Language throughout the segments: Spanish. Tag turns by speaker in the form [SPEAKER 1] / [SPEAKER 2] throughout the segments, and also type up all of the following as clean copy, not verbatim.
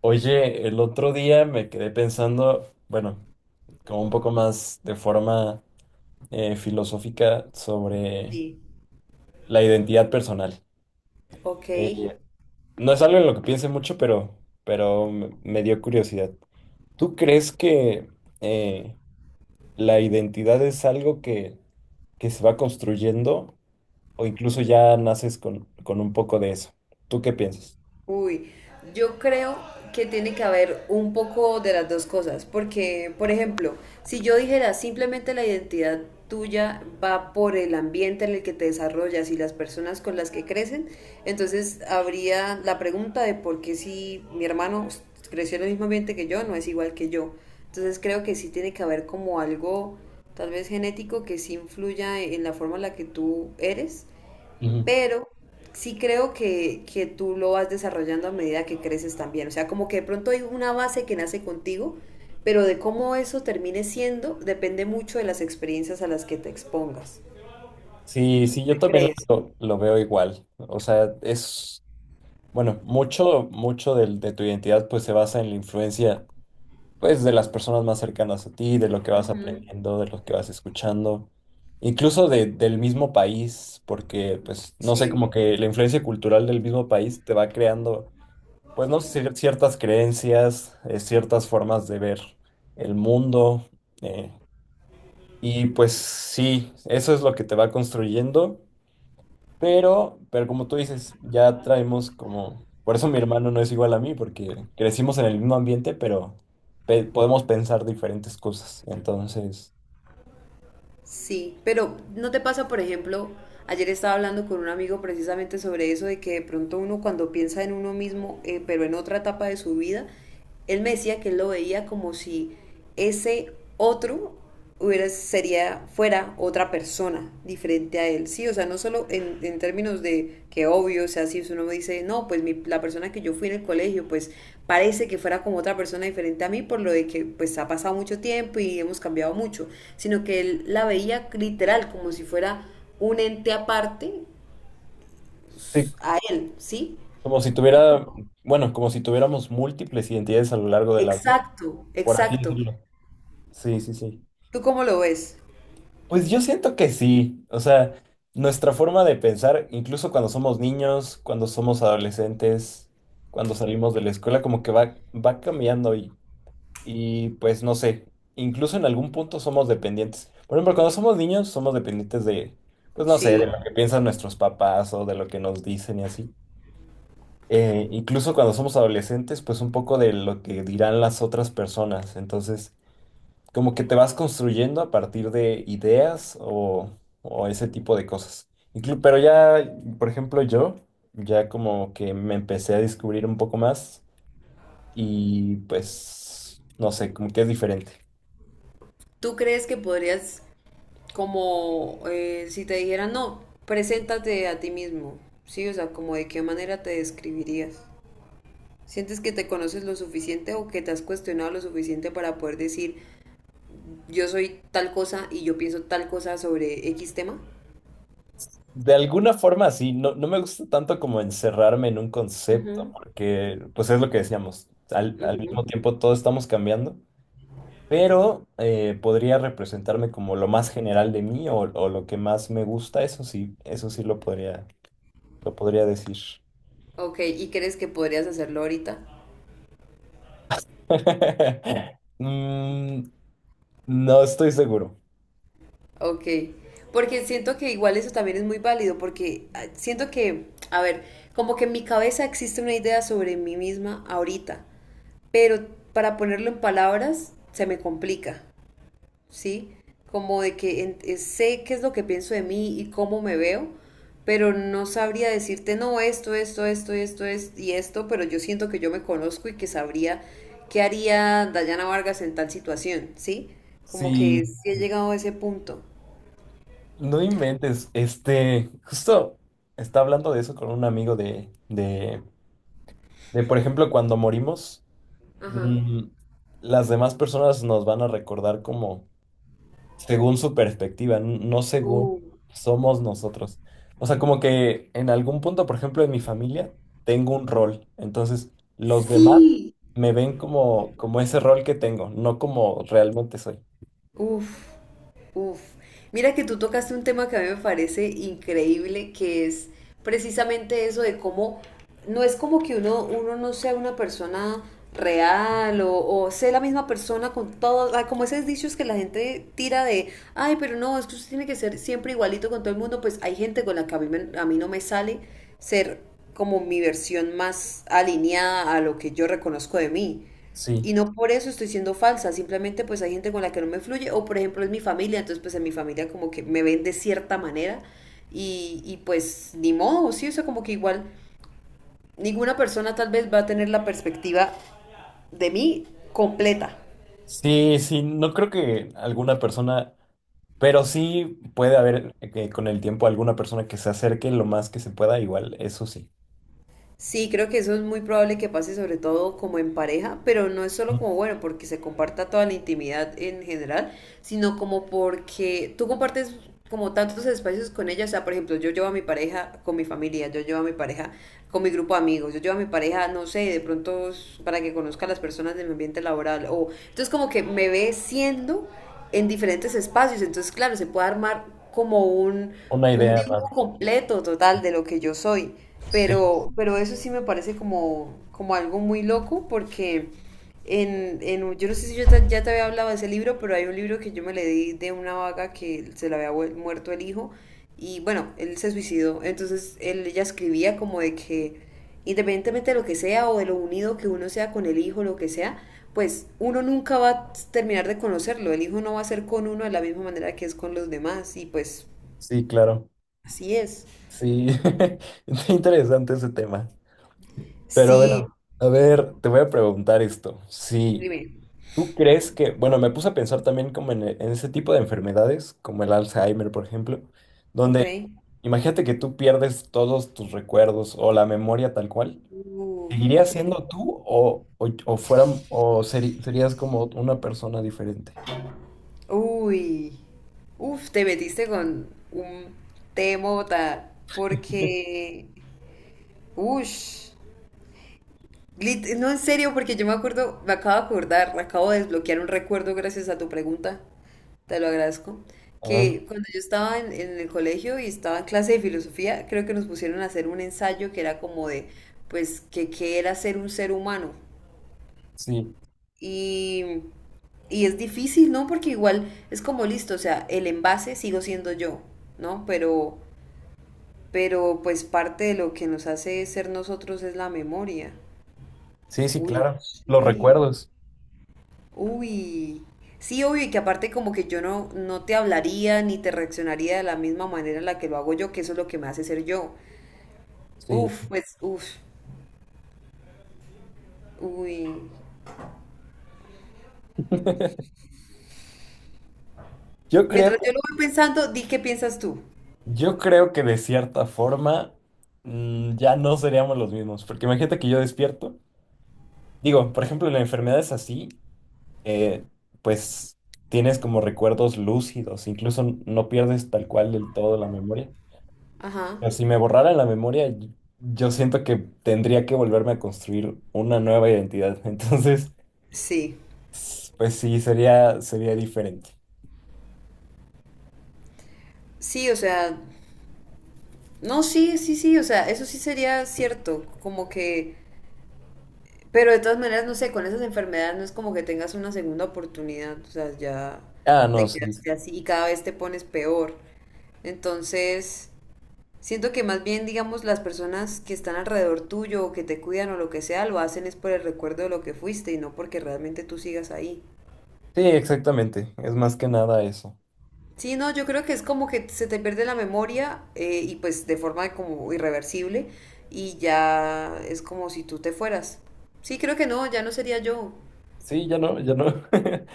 [SPEAKER 1] Oye, el otro día me quedé pensando, bueno, como un poco más de forma filosófica sobre
[SPEAKER 2] Sí,
[SPEAKER 1] la identidad personal.
[SPEAKER 2] ok.
[SPEAKER 1] Eh, no es algo en lo que piense mucho, pero me dio curiosidad. ¿Tú crees que eh, la identidad es algo que se va construyendo o incluso ya naces con un poco de eso? ¿Tú qué piensas?
[SPEAKER 2] Uy, yo creo que tiene que haber un poco de las dos cosas, porque, por ejemplo, si yo dijera simplemente la identidad tuya va por el ambiente en el que te desarrollas y las personas con las que crecen, entonces habría la pregunta de por qué si mi hermano creció en el mismo ambiente que yo, no es igual que yo. Entonces creo que sí tiene que haber como algo tal vez genético que sí influya en la forma en la que tú eres,
[SPEAKER 1] Ujú.
[SPEAKER 2] pero sí creo que tú lo vas desarrollando a medida que creces también. O sea, como que de pronto hay una base que nace contigo, pero de cómo eso termine siendo depende mucho de las experiencias a las que te expongas.
[SPEAKER 1] Sí, sí,
[SPEAKER 2] ¿Qué
[SPEAKER 1] yo también
[SPEAKER 2] crees?
[SPEAKER 1] lo veo igual. O sea, es... Bueno, mucho, tu identidad pues se basa en la influencia pues de las personas más cercanas a ti, de lo que vas
[SPEAKER 2] Ujú.
[SPEAKER 1] aprendiendo, de lo que vas escuchando, incluso del mismo país, porque pues no sé, como
[SPEAKER 2] Sí.
[SPEAKER 1] que la influencia cultural del mismo país te va creando, pues no sé, ciertas creencias, ciertas formas de ver el mundo, eh, y pues sí, eso es lo que te va construyendo. Pero como tú dices, ya traemos como... Por eso mi hermano no es igual a mí, porque crecimos en el mismo ambiente, pero podemos pensar diferentes cosas. Entonces,
[SPEAKER 2] Sí, pero ¿no te pasa? Por ejemplo, ayer estaba hablando con un amigo precisamente sobre eso, de que de pronto uno cuando piensa en uno mismo, pero en otra etapa de su vida, él me decía que él lo veía como si ese otro hubiera, sería, fuera otra persona, frente a él. Sí, o sea, no solo en términos de que, obvio, o sea, si uno me dice, no, pues mi, la persona que yo fui en el colegio, pues parece que fuera como otra persona diferente a mí por lo de que pues ha pasado mucho tiempo y hemos cambiado mucho, sino que él la veía literal como si fuera un ente aparte
[SPEAKER 1] sí,
[SPEAKER 2] a él, ¿sí?
[SPEAKER 1] como si tuviera, bueno, como si tuviéramos múltiples identidades a lo largo de la vida,
[SPEAKER 2] Exacto,
[SPEAKER 1] por así
[SPEAKER 2] exacto.
[SPEAKER 1] decirlo. Sí, sí, sí.
[SPEAKER 2] ¿Tú cómo lo ves?
[SPEAKER 1] Pues yo siento que sí. O sea, nuestra forma de pensar, incluso cuando somos niños, cuando somos adolescentes, cuando salimos de la escuela, como que va cambiando. Y pues no sé, incluso en algún punto somos dependientes. Por ejemplo, cuando somos niños somos dependientes de, pues no sé, de lo
[SPEAKER 2] Sí.
[SPEAKER 1] que piensan nuestros papás o de lo que nos dicen y así. Incluso cuando somos adolescentes, pues un poco de lo que dirán las otras personas. Entonces, como que te vas construyendo a partir de ideas o ese tipo de cosas. Pero ya, por ejemplo, yo ya como que me empecé a descubrir un poco más y pues, no sé, como que es diferente.
[SPEAKER 2] ¿Tú crees que podrías como si te dijeran, no, preséntate a ti mismo, ¿sí? O sea, ¿como de qué manera te describirías? ¿Sientes que te conoces lo suficiente o que te has cuestionado lo suficiente para poder decir, yo soy tal cosa y yo pienso tal cosa sobre X tema?
[SPEAKER 1] De alguna forma sí, no, no me gusta tanto como encerrarme en un concepto,
[SPEAKER 2] Ujú,
[SPEAKER 1] porque pues es lo que decíamos, al
[SPEAKER 2] ujú.
[SPEAKER 1] mismo tiempo todos estamos cambiando, pero podría representarme como lo más general de mí o lo que más me gusta, eso sí lo podría decir.
[SPEAKER 2] Ok, ¿y crees que podrías hacerlo ahorita?
[SPEAKER 1] Mm, no estoy seguro.
[SPEAKER 2] Ok, porque siento que igual eso también es muy válido, porque ah, siento que, a ver, como que en mi cabeza existe una idea sobre mí misma ahorita, pero para ponerlo en palabras se me complica, ¿sí? Como de que sé qué es lo que pienso de mí y cómo me veo, pero no sabría decirte, no, esto, es y esto, pero yo siento que yo me conozco y que sabría qué haría Dayana Vargas en tal situación, ¿sí? Como
[SPEAKER 1] Sí,
[SPEAKER 2] que sí he llegado a ese punto.
[SPEAKER 1] no inventes, este, justo estaba hablando de eso con un amigo de, por ejemplo, cuando morimos.
[SPEAKER 2] Ajá.
[SPEAKER 1] Mm, las demás personas nos van a recordar como según su perspectiva, no según
[SPEAKER 2] Uh,
[SPEAKER 1] somos nosotros. O sea, como que en algún punto, por ejemplo, en mi familia, tengo un rol. Entonces, los demás
[SPEAKER 2] Sí,
[SPEAKER 1] me ven como, como ese rol que tengo, no como realmente soy.
[SPEAKER 2] uf. Uf, mira que tú tocaste un tema que a mí me parece increíble, que es precisamente eso de cómo no es como que uno no sea una persona real o sea la misma persona con todo, como esos dichos que la gente tira de, ay, pero no, es que usted tiene que ser siempre igualito con todo el mundo, pues hay gente con la que a mí, a mí no me sale ser como mi versión más alineada a lo que yo reconozco de mí.
[SPEAKER 1] Sí,
[SPEAKER 2] Y no por eso estoy siendo falsa, simplemente pues hay gente con la que no me fluye, o por ejemplo es mi familia, entonces pues en mi familia como que me ven de cierta manera y pues ni modo, sí, o sea, como que igual ninguna persona tal vez va a tener la perspectiva de mí completa.
[SPEAKER 1] sí, sí, no creo que alguna persona... Pero sí puede haber, con el tiempo, alguna persona que se acerque lo más que se pueda, igual, eso sí.
[SPEAKER 2] Sí, creo que eso es muy probable que pase, sobre todo como en pareja, pero no es solo como bueno porque se comparta toda la intimidad en general, sino como porque tú compartes como tantos espacios con ella. O sea, por ejemplo, yo llevo a mi pareja con mi familia, yo llevo a mi pareja con mi grupo de amigos, yo llevo a mi pareja, no sé, de pronto para que conozca a las personas de mi ambiente laboral. O entonces como que me ve siendo en diferentes espacios. Entonces, claro, se puede armar como
[SPEAKER 1] Una
[SPEAKER 2] un
[SPEAKER 1] idea
[SPEAKER 2] dibujo
[SPEAKER 1] más.
[SPEAKER 2] completo total de lo que yo soy.
[SPEAKER 1] Sí.
[SPEAKER 2] Pero eso sí me parece como, como algo muy loco porque yo no sé si ya te había hablado de ese libro, pero hay un libro que yo me leí de una vaga que se le había muerto el hijo y bueno, él se suicidó. Entonces él, ella escribía como de que independientemente de lo que sea o de lo unido que uno sea con el hijo, lo que sea, pues uno nunca va a terminar de conocerlo. El hijo no va a ser con uno de la misma manera que es con los demás y pues
[SPEAKER 1] Sí, claro.
[SPEAKER 2] así es.
[SPEAKER 1] Sí, está interesante ese tema. Pero
[SPEAKER 2] Sí,
[SPEAKER 1] bueno, a ver, te voy a preguntar esto. Si
[SPEAKER 2] dime.
[SPEAKER 1] tú crees que, bueno, me puse a pensar también como en, en ese tipo de enfermedades, como el Alzheimer, por ejemplo,
[SPEAKER 2] Ok.
[SPEAKER 1] donde imagínate que tú pierdes todos tus recuerdos o la memoria tal cual. ¿Seguirías
[SPEAKER 2] Ok.
[SPEAKER 1] siendo tú o serías como una persona diferente?
[SPEAKER 2] Uy. Uf, te metiste con un temota. Porque. Ush. No, en serio, porque yo me acuerdo, me acabo de acordar, me acabo de desbloquear un recuerdo gracias a tu pregunta. Te lo agradezco.
[SPEAKER 1] Ah,
[SPEAKER 2] Que cuando yo estaba en, el colegio y estaba en clase de filosofía, creo que nos pusieron a hacer un ensayo que era como de, pues, que qué era ser un ser humano.
[SPEAKER 1] sí,
[SPEAKER 2] Y, y es difícil, ¿no? Porque igual es como listo, o sea, el envase sigo siendo yo, ¿no? Pero pues parte de lo que nos hace ser nosotros es la memoria.
[SPEAKER 1] sí, sí,
[SPEAKER 2] Uy, no
[SPEAKER 1] claro. Los
[SPEAKER 2] sé.
[SPEAKER 1] recuerdos.
[SPEAKER 2] Uy. Sí, obvio, y que aparte como que yo no te hablaría ni te reaccionaría de la misma manera en la que lo hago yo, que eso es lo que me hace ser yo.
[SPEAKER 1] Sí.
[SPEAKER 2] Uf, pues, uf, uy.
[SPEAKER 1] Yo
[SPEAKER 2] Mientras yo
[SPEAKER 1] creo.
[SPEAKER 2] lo voy pensando, di qué piensas tú.
[SPEAKER 1] Yo creo que de cierta forma, mm, ya no seríamos los mismos, porque imagínate que yo despierto, digo, por ejemplo, en la enfermedad es así, eh, pues tienes como recuerdos lúcidos, incluso no pierdes tal cual del todo la memoria.
[SPEAKER 2] Ajá.
[SPEAKER 1] Pero si me borrara la memoria, yo siento que tendría que volverme a construir una nueva identidad, entonces,
[SPEAKER 2] Sí.
[SPEAKER 1] pues sí, sería, sería diferente.
[SPEAKER 2] Sí, o sea, no, sí, sí, sí, o sea, eso sí sería cierto, como que, pero de todas maneras, no sé, con esas enfermedades no es como que tengas una segunda oportunidad, o sea, ya
[SPEAKER 1] Ah, no,
[SPEAKER 2] te
[SPEAKER 1] sí, sí,
[SPEAKER 2] quedaste así y cada vez te pones peor. Entonces, siento que más bien, digamos, las personas que están alrededor tuyo o que te cuidan o lo que sea, lo hacen es por el recuerdo de lo que fuiste y no porque realmente tú sigas ahí.
[SPEAKER 1] exactamente, es más que nada eso.
[SPEAKER 2] Sí, no, yo creo que es como que se te pierde la memoria, y pues de forma como irreversible, y ya es como si tú te fueras. Sí, creo que no, ya no sería yo.
[SPEAKER 1] Sí, ya no, ya no.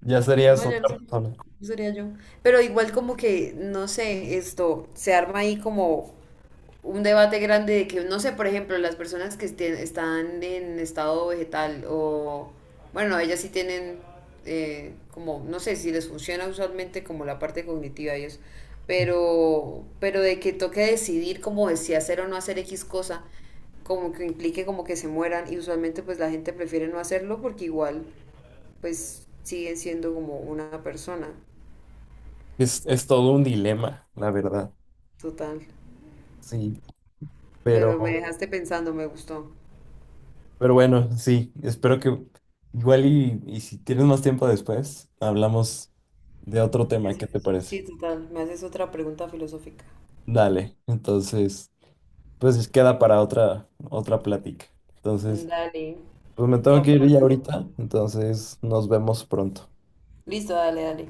[SPEAKER 1] Ya serías
[SPEAKER 2] No, ya no
[SPEAKER 1] otra
[SPEAKER 2] sería,
[SPEAKER 1] persona.
[SPEAKER 2] no sería yo. Pero igual como que, no sé, esto se arma ahí como un debate grande de que, no sé, por ejemplo, las personas que están en estado vegetal, o bueno, ellas sí tienen, como, no sé si les funciona usualmente como la parte cognitiva y eso, pero de que toque decidir como de si hacer o no hacer X cosa, como que implique como que se mueran, y usualmente pues la gente prefiere no hacerlo porque igual pues siguen siendo como una persona
[SPEAKER 1] Es todo un dilema, la verdad.
[SPEAKER 2] total.
[SPEAKER 1] Sí,
[SPEAKER 2] Pero me
[SPEAKER 1] pero,
[SPEAKER 2] dejaste pensando, me gustó.
[SPEAKER 1] pero bueno, sí, espero que igual y si tienes más tiempo después, hablamos de otro
[SPEAKER 2] Me
[SPEAKER 1] tema,
[SPEAKER 2] haces...
[SPEAKER 1] ¿qué te parece?
[SPEAKER 2] Sí, total. Me haces otra pregunta filosófica.
[SPEAKER 1] Dale, entonces, pues queda para otra plática. Entonces,
[SPEAKER 2] Dale.
[SPEAKER 1] pues me tengo
[SPEAKER 2] Estamos
[SPEAKER 1] que ir ya
[SPEAKER 2] hablando.
[SPEAKER 1] ahorita, entonces nos vemos pronto.
[SPEAKER 2] Listo, dale, dale.